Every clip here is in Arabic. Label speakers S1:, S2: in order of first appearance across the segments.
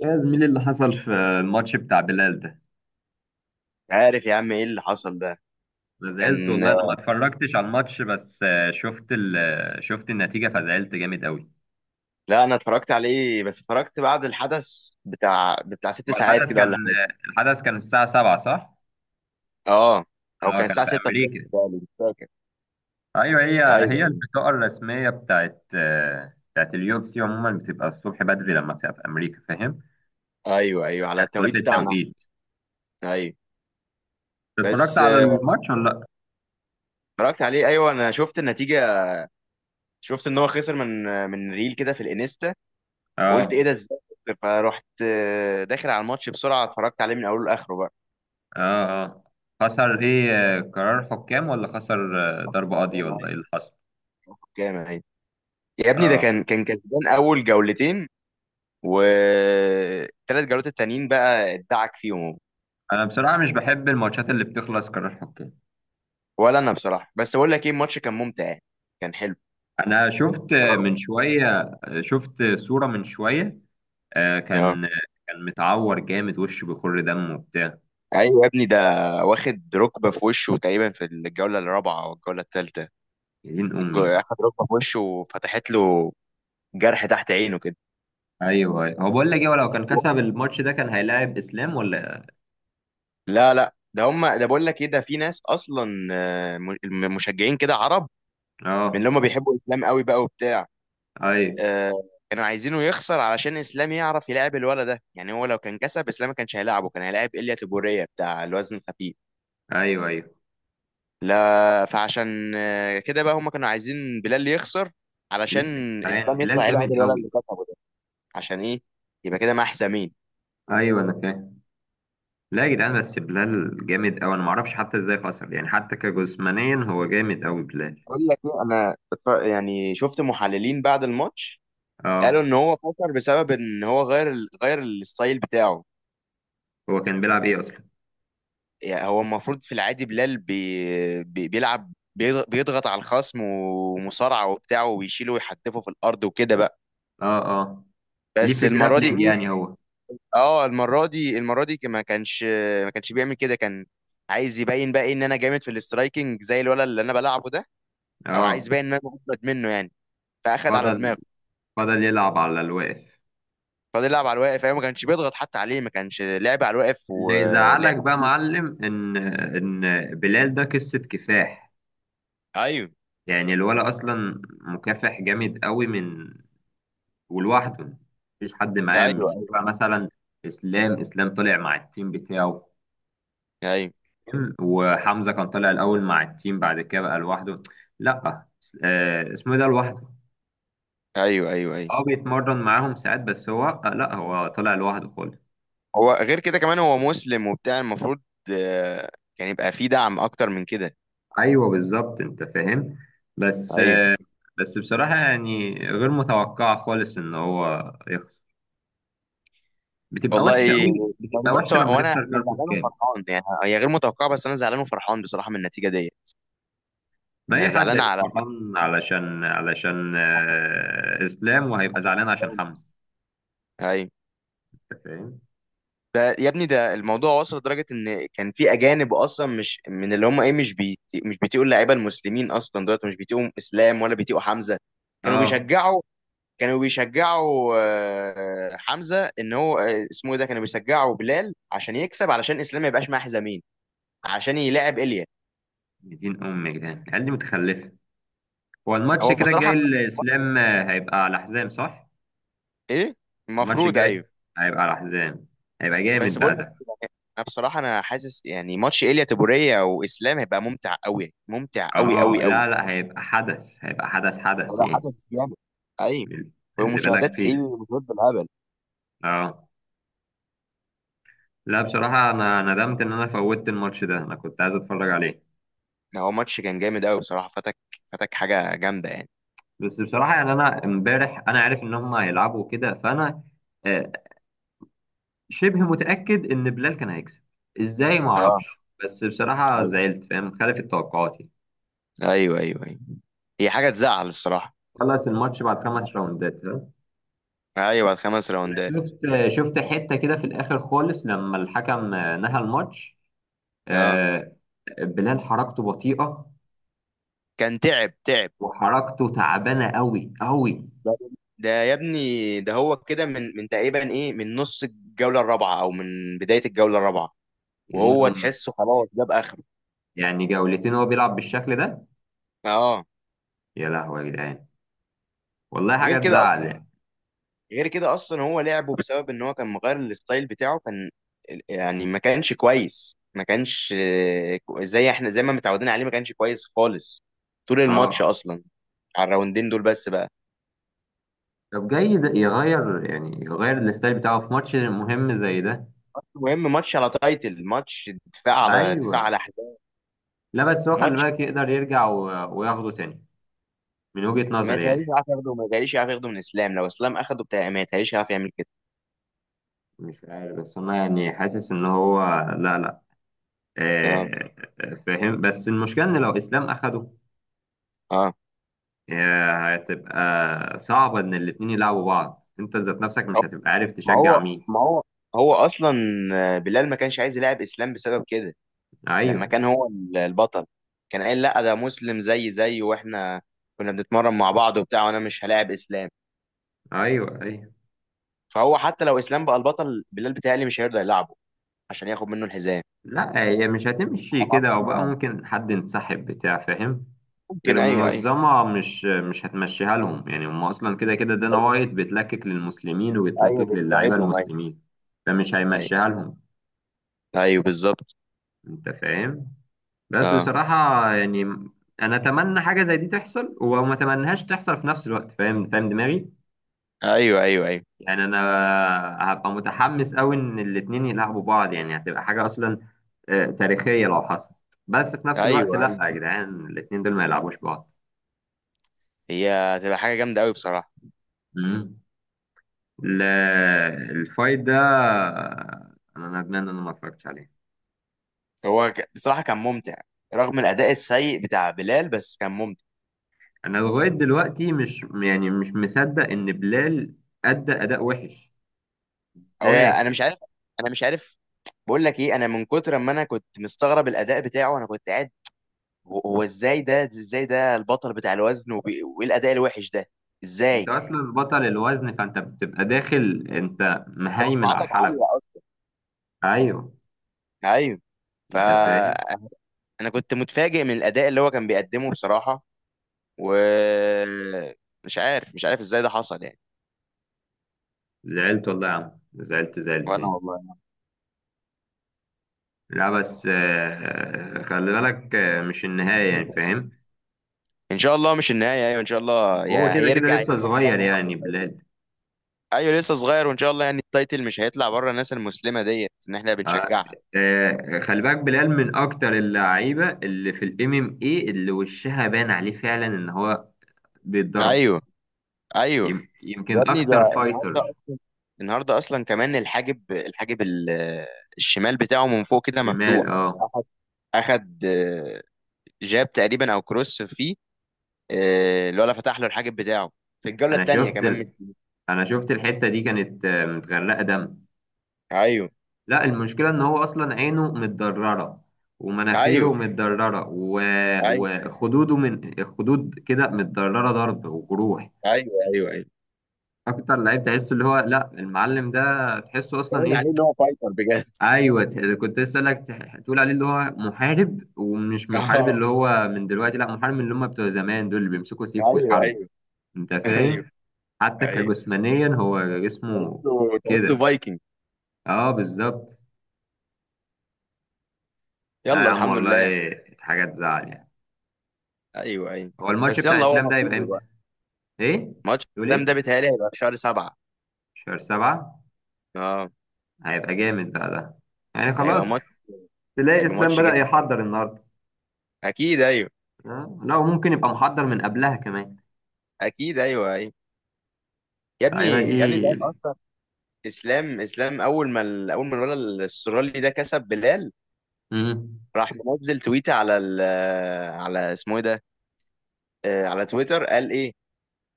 S1: يا زميلي اللي حصل في الماتش بتاع بلال ده.
S2: عارف يا عم ايه اللي حصل ده
S1: انا زعلت
S2: كان
S1: والله، انا ما اتفرجتش على الماتش بس آه، شفت ال... آه، شفت النتيجة فزعلت جامد قوي.
S2: لا انا اتفرجت عليه بس اتفرجت بعد الحدث بتاع ست
S1: ما
S2: ساعات كده ولا حاجه.
S1: الحدث كان الساعة 7، صح؟
S2: اه او
S1: اه،
S2: كان
S1: كان
S2: الساعه
S1: في
S2: 6 الصبح
S1: امريكا.
S2: تقريباً، مش فاكر.
S1: ايوه. هي
S2: ايوه ايوه
S1: البطاقة الرسمية بتاعت اليو اف سي عموما بتبقى الصبح بدري لما بتبقى في امريكا، فاهم؟
S2: ايوه أيوه، على
S1: اختلاف
S2: التوقيت بتاعنا.
S1: التوقيت.
S2: ايوه
S1: اتفرجت
S2: بس
S1: على الماتش ولا لا؟
S2: اتفرجت عليه ايوه انا شفت النتيجه، شفت ان هو خسر من ريل كده في الانستا. قلت ايه
S1: اه،
S2: ده، ازاي خسر؟ فرحت، داخل على الماتش بسرعه اتفرجت عليه من اوله لاخره بقى.
S1: اه، اه. خسر ايه، قرار حكام، ولا خسر ضربة قاضية،
S2: كام
S1: ولا
S2: أهي،
S1: ايه اللي حصل؟
S2: كام أهي. يا ابني ده
S1: اه.
S2: كان كسبان اول جولتين والثلاث جولات التانيين بقى ادعك فيهم.
S1: انا بصراحه مش بحب الماتشات اللي بتخلص قرار حكام.
S2: ولا انا بصراحه، بس بقول لك ايه، الماتش كان ممتع، كان حلو.
S1: انا شفت من شويه، شفت صوره من شويه. آه،
S2: اه
S1: كان كان متعور جامد، وشه بيخر دم وبتاع.
S2: ايوه يا ابني ده واخد ركبه في وشه تقريبا في الجوله الرابعه او الجوله الثالثه،
S1: يا دين امي.
S2: اخد ركبه في وشه وفتحت له جرح تحت عينه كده.
S1: ايوه، أيوه. هو بقول لك ايه، هو لو كان كسب الماتش ده كان هيلاعب اسلام ولا؟
S2: لا لا ده هم ده بقول لك ايه، ده في ناس اصلا مشجعين كده عرب، من اللي
S1: اه.
S2: هم بيحبوا الاسلام قوي بقى وبتاع.
S1: ايوه،
S2: آه، كانوا عايزينه يخسر علشان اسلام يعرف يلعب الولد ده. يعني هو لو كان كسب اسلام ما كانش هيلاعبه، كان هيلاعب ايليا تيبوريا بتاع الوزن الخفيف.
S1: ايوه، ايوه.
S2: لا فعشان كده بقى هم كانوا عايزين بلال يخسر، علشان
S1: ليه يا جدعان،
S2: اسلام
S1: بلال
S2: يطلع يلعب
S1: جامد
S2: الولد اللي
S1: قوي.
S2: كسبه ده. عشان ايه؟ يبقى كده مع حسامين.
S1: ايوه انا فاهم. لا يا جدعان، بس بلال جامد قوي، انا ما اعرفش حتى ازاي خسر، يعني حتى كجسمانيا هو جامد قوي بلال.
S2: اقول لك ايه، انا يعني شفت محللين بعد الماتش قالوا
S1: اه.
S2: ان هو خسر بسبب ان هو غير الستايل بتاعه.
S1: هو كان بيلعب ايه اصلا؟
S2: يعني هو المفروض في العادي بلال بيلعب، بيضغط على الخصم ومصارعة وبتاع وبيشيله ويحدفه في الأرض وكده بقى.
S1: اه، اه. ليه
S2: بس
S1: في
S2: المرة دي
S1: جرابلينج
S2: إيه؟
S1: يعني هو؟
S2: اه المرة دي، المرة دي ما كانش بيعمل كده. كان عايز يبين بقى إيه، ان انا جامد في الاسترايكنج زي الولد اللي انا بلعبه ده، او عايز
S1: اه،
S2: يبين ان انا مجمد منه يعني، فاخد على
S1: فضل
S2: دماغه.
S1: فضل يلعب على الواقف.
S2: فضل يلعب على الواقف ايوه، ما كانش بيضغط حتى عليه، ما كانش لعب على الواقف
S1: اللي
S2: ولعب.
S1: يزعلك بقى معلم ان بلال ده قصة كفاح،
S2: ايوه
S1: يعني الولا اصلا مكافح جامد قوي، من ولوحده مفيش حد معاه،
S2: ايوه
S1: مش
S2: ايوه
S1: تبع مثلا. اسلام طلع مع التيم بتاعه،
S2: ايوه
S1: وحمزة كان طالع الاول مع التيم بعد كده بقى لوحده. لا، اسمه إيه ده، لوحده.
S2: ايوه ايوه، أيوة.
S1: اه، بيتمرن معاهم ساعات بس هو، لا هو طلع لوحده خالص.
S2: هو غير كده كمان هو مسلم وبتاع، المفروض آه، كان يبقى فيه دعم اكتر من كده.
S1: ايوه بالظبط انت فاهم. بس
S2: ايوه
S1: بس بصراحه يعني غير متوقعه خالص ان هو يخسر، بتبقى
S2: والله
S1: وحشه
S2: إيه،
S1: قوي، بتبقى
S2: بص
S1: وحشه لما
S2: وانا
S1: تخسر
S2: انا
S1: كاركو
S2: زعلان
S1: كام.
S2: وفرحان، يعني هي غير متوقعه بس انا زعلان وفرحان بصراحه من النتيجه دي.
S1: ما
S2: انا
S1: اي حد
S2: زعلان
S1: هيبقى
S2: على
S1: فرحان علشان اسلام، وهيبقى زعلان عشان حمزه.
S2: ايوه
S1: انت فاهم.
S2: ده يا ابني ده الموضوع وصل لدرجه ان كان في اجانب اصلا، مش من اللي هم ايه، مش بيتقوا اللعيبه المسلمين اصلا دلوقتي، مش بيتقوا اسلام ولا بيتقوا حمزه. كانوا
S1: اه.
S2: بيشجعوا كانوا بيشجعوا حمزه، ان هو اسمه ايه ده، كانوا بيشجعوا بلال عشان يكسب، علشان اسلام ما يبقاش معاه حزامين، عشان يلاعب ايليا.
S1: دين ام يا جدعان العيال دي متخلفه. هو الماتش
S2: هو
S1: كده
S2: بصراحه
S1: الجاي الاسلام هيبقى على حزام، صح؟
S2: ايه؟
S1: الماتش
S2: المفروض ايوه.
S1: الجاي هيبقى على حزام، هيبقى جامد
S2: بس بقول
S1: بقى
S2: لك،
S1: ده.
S2: انا بصراحه انا حاسس يعني ماتش ايليا تبوريه واسلام هيبقى ممتع قوي، ممتع قوي
S1: اه.
S2: قوي قوي.
S1: لا لا، هيبقى حدث، هيبقى حدث، حدث
S2: هو
S1: يعني.
S2: حدث جامد، ايوه.
S1: اللي بالك
S2: ومشاهدات
S1: فيه.
S2: ايه، مشاهدات بالهبل.
S1: اه. لا بصراحة أنا ندمت إن أنا فوتت الماتش ده، أنا كنت عايز أتفرج عليه.
S2: هو ماتش كان جامد قوي بصراحه، فاتك، فاتك حاجه جامده يعني.
S1: بس بصراحة يعني، أنا إمبارح أنا عارف إن هم هيلعبوا كده، فأنا آه، شبه متأكد إن بلال كان هيكسب. إزاي ما
S2: اه
S1: أعرفش، بس بصراحة
S2: ايوه
S1: زعلت، فاهم؟ خالفت توقعاتي.
S2: ايوه ايوه، أيوة. هي حاجه تزعل الصراحه.
S1: خلص الماتش بعد 5 راوندات، ها.
S2: ايوه الخمس
S1: أنا
S2: راوندات.
S1: شفت حتة كده في الآخر خالص لما الحكم نهى الماتش.
S2: اه
S1: آه، بلال حركته بطيئة
S2: كان تعب، تعب.
S1: وحركته تعبانة أوي أوي.
S2: ده ده يا ابني ده هو كده من تقريبا ايه، من نص الجولة الرابعة او من بداية الجولة الرابعة،
S1: يا دين
S2: وهو
S1: أمي.
S2: تحسه خلاص جاب اخره.
S1: يعني جولتين هو بيلعب بالشكل ده؟
S2: اه
S1: يا لهوي يا جدعان. والله
S2: غير
S1: حاجه
S2: كده
S1: تزعل
S2: اصلا،
S1: يعني.
S2: غير كده اصلا هو لعبه بسبب ان هو كان مغير الستايل بتاعه. كان يعني ما كانش كويس، ما كانش زي احنا زي ما متعودين عليه. ما كانش كويس خالص طول الماتش
S1: اه.
S2: اصلا، على الراوندين دول بس بقى.
S1: طب جاي ده يغير يعني يغير الستايل بتاعه في ماتش مهم زي ده؟
S2: المهم ماتش على تايتل ماتش، دفاع على دفاع
S1: ايوه.
S2: على احداث.
S1: لا بس هو خلي بالك يقدر يرجع و... وياخده تاني، من وجهة
S2: ما
S1: نظري
S2: يتهيأليش
S1: يعني.
S2: يعرف ياخده، ما يتهيأليش يعرف ياخده من اسلام. لو اسلام اخده بتاع ما يتهيأليش يعرف يعمل كده.
S1: مش عارف، بس انا يعني حاسس ان هو، لا لا،
S2: اه
S1: آه فاهم، بس المشكله ان لو اسلام اخده
S2: اه
S1: هتبقى صعبه ان الاتنين يلعبوا بعض. انت ذات نفسك
S2: أو-
S1: مش هتبقى عارف
S2: ما
S1: تشجع
S2: هو
S1: مين.
S2: ما هو هو اصلا بلال ما كانش عايز يلعب اسلام بسبب كده. لما
S1: ايوه،
S2: كان هو البطل كان قايل لا ده مسلم، زي واحنا كنا بنتمرن مع بعض وبتاع، وانا مش هلاعب اسلام.
S1: ايوه، ايوه.
S2: فهو حتى لو اسلام بقى البطل، بلال بتهيألي مش هيرضى يلعبه عشان ياخد منه الحزام.
S1: لا هي مش هتمشي كده، او
S2: أظن
S1: بقى
S2: يعني.
S1: ممكن حد ينسحب بتاع فاهم؟ غير
S2: ممكن ايوه ايوه.
S1: المنظمة مش هتمشيها لهم، يعني هم اصلا كده كده، دانا وايت بتلكك للمسلمين
S2: ايوه
S1: وبتلكك للاعيبة
S2: بيضطهدهم، ايوه.
S1: المسلمين، فمش
S2: ايوه
S1: هيمشيها لهم.
S2: ايوه بالظبط.
S1: انت فاهم. بس
S2: اه
S1: بصراحة يعني، انا اتمنى حاجة زي دي تحصل وما اتمنهاش تحصل في نفس الوقت، فاهم؟ فاهم دماغي.
S2: ايوه ايوه ايوه
S1: يعني انا هبقى متحمس قوي ان الاتنين يلعبوا بعض، يعني هتبقى حاجه اصلا تاريخيه لو حصل. بس في نفس الوقت،
S2: ايوه
S1: لا
S2: أيوه.
S1: يا جدعان الاتنين دول ما يلعبوش بعض.
S2: هي هتبقى حاجة جامدة قوي بصراحة.
S1: مم. لا الفايت ده، انا ندمان ان انا ما اتفرجتش عليه.
S2: بصراحة كان ممتع، رغم الأداء السيء بتاع بلال بس كان ممتع.
S1: انا لغايه دلوقتي مش يعني مش مصدق ان بلال ادى اداء وحش.
S2: هو
S1: ازاي
S2: أنا مش
S1: كده؟
S2: عارف، أنا مش عارف. بقول لك إيه، أنا من كتر ما أنا كنت مستغرب الأداء بتاعه أنا كنت قاعد، هو إزاي ده، إزاي ده البطل بتاع الوزن وإيه الأداء الوحش ده؟
S1: انت
S2: إزاي؟
S1: اصلا بطل الوزن، فانت بتبقى داخل انت مهيمن على
S2: توقعاتك
S1: الحلبة.
S2: عالية أصلا.
S1: ايوه.
S2: أيوه. ف
S1: انت فاهم.
S2: أنا كنت متفاجئ من الأداء اللي هو كان بيقدمه بصراحة، و مش عارف، مش عارف إزاي ده حصل يعني.
S1: زعلت والله يا عم، زعلت
S2: وانا
S1: زعلتين.
S2: والله.
S1: لا بس خلي بالك مش النهاية يعني، فاهم.
S2: ان شاء الله مش النهايه، ايوه ان شاء الله،
S1: هو
S2: يا
S1: كده كده
S2: هيرجع يا
S1: لسه
S2: إما
S1: صغير
S2: خلاص.
S1: يعني بلال.
S2: ايوه لسه صغير وان شاء الله يعني التايتل مش هيطلع بره الناس المسلمه ديت ان احنا
S1: آه،
S2: بنشجعها.
S1: خلي بالك بلال من أكتر اللعيبة اللي في الام ام اي، اللي وشها باين عليه فعلا إن هو بيتضرب.
S2: ايوه ايوه يا
S1: يمكن
S2: ابني ده
S1: أكتر
S2: النهارده
S1: فايتر.
S2: اصلا، النهارده اصلا كمان الحاجب الشمال بتاعه من فوق كده
S1: شمال
S2: مفتوح.
S1: اه.
S2: أخد اخد آه، جاب تقريبا او كروس فيه، الولا فتح له الحاجب بتاعه في الجوله
S1: أنا
S2: الثانيه
S1: شفت
S2: كمان، مش.
S1: أنا شفت الحتة دي كانت متغرقة دم.
S2: ايوه
S1: لا المشكلة إن هو أصلا عينه متضررة
S2: ايوه
S1: ومناخيره متضررة و...
S2: ايوه
S1: وخدوده من خدود كده متضررة، ضرب وجروح.
S2: ايوه ايوه ايوه،
S1: أكتر لعيب تحسه اللي هو لا، المعلم ده تحسه أصلا
S2: باين
S1: إيه.
S2: عليه ان هو فايتر بجد.
S1: أيوه، كنت لسه أقولك تقول عليه اللي هو محارب ومش محارب، اللي هو من دلوقتي، لا محارب من اللي هم بتوع زمان دول اللي بيمسكوا سيف
S2: ايوه ايوه.
S1: ويحاربوا. أنت
S2: ايوه ايوه
S1: فاهم. حتى
S2: ايوه.
S1: كجسمانيا هو جسمه
S2: تحسه، تحسه
S1: كده.
S2: فايكنج.
S1: أه بالظبط. لا يا
S2: يلا
S1: عم
S2: الحمد
S1: والله
S2: لله.
S1: حاجة تزعل يعني.
S2: ايوه ايوه.
S1: هو الماتش
S2: بس
S1: بتاع
S2: يلا هو
S1: اسلام ده هيبقى
S2: نصيبه
S1: امتى؟
S2: بقى.
S1: ايه؟
S2: ماتش
S1: تقول
S2: الاسلام ده
S1: ايه؟
S2: بيتهيألي هيبقى في شهر سبعة.
S1: شهر 7؟
S2: اه
S1: هيبقى جامد بقى ده. يعني
S2: ده هيبقى
S1: خلاص
S2: ماتش،
S1: تلاقي
S2: هيبقى
S1: اسلام
S2: ماتش
S1: بدأ
S2: جامد قوي.
S1: يحضر النهارده.
S2: اكيد ايوه.
S1: لا وممكن يبقى محضر من قبلها كمان،
S2: اكيد ايوه ايوه. يا ابني،
S1: اللعيبه دي.
S2: يا ابني انت عارف اصلا، اسلام اول ما الولد الاسترالي ده كسب بلال،
S1: مم.
S2: راح منزل تويته على ال، على اسمه ايه ده، على تويتر. قال ايه؟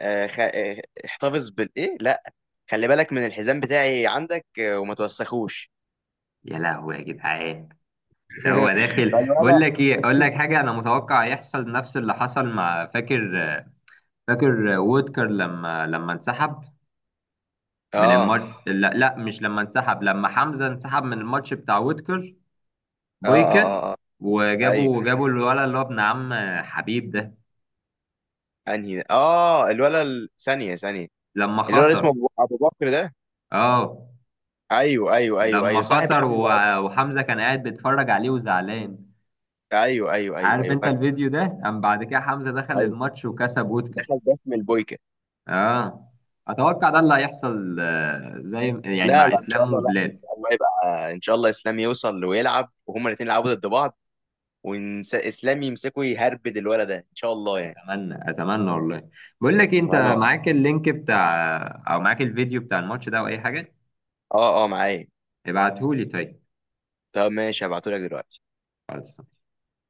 S2: آه خ... آه، احتفظ بالايه، لا، خلي بالك من الحزام بتاعي عندك وما توسخوش.
S1: يا لهوي يا جدعان. ده هو داخل، بقول
S2: فالولد.
S1: لك ايه، اقول لك حاجه: انا متوقع يحصل نفس اللي حصل مع، فاكر وودكر لما انسحب من
S2: اه اه
S1: الماتش؟ لا لا، مش لما انسحب، لما حمزه انسحب من الماتش بتاع وودكر.
S2: اه
S1: بويكا.
S2: اه اه. ايوه
S1: وجابوا الولد اللي هو ابن عم حبيب ده
S2: انهي ده؟ اه ثانيه، ثانيه.
S1: لما
S2: الولا اسمه
S1: خسر.
S2: أبو بكر ده.
S1: اه،
S2: ايوه ايوه ايوه
S1: لما
S2: ايوه صاحب
S1: خسر
S2: حمزه
S1: و-
S2: أصلاً.
S1: وحمزة كان قاعد بيتفرج عليه وزعلان.
S2: ايوه ايوه ايوه
S1: عارف
S2: ايوه
S1: انت
S2: فاكر.
S1: الفيديو ده، قام بعد كده حمزة دخل
S2: ايوه
S1: الماتش وكسب وودكر.
S2: دخل باسم البويكا.
S1: اه. اتوقع ده اللي هيحصل زي يعني
S2: لا
S1: مع
S2: لا ان شاء
S1: اسلام
S2: الله، لا
S1: وبلاد.
S2: الله، يبقى ان شاء الله اسلام يوصل ويلعب وهما الاثنين يلعبوا ضد بعض، واسلام يمسكه يهربد الولد ده ان شاء الله يعني.
S1: اتمنى اتمنى والله. بقول لك إيه، انت
S2: وانا والله.
S1: معاك اللينك بتاع، او معاك الفيديو بتاع الماتش ده، او اي حاجة؟
S2: اه اه معايا.
S1: ابعتهولي طيب.
S2: طب ماشي هبعتهولك دلوقتي.
S1: خلاص.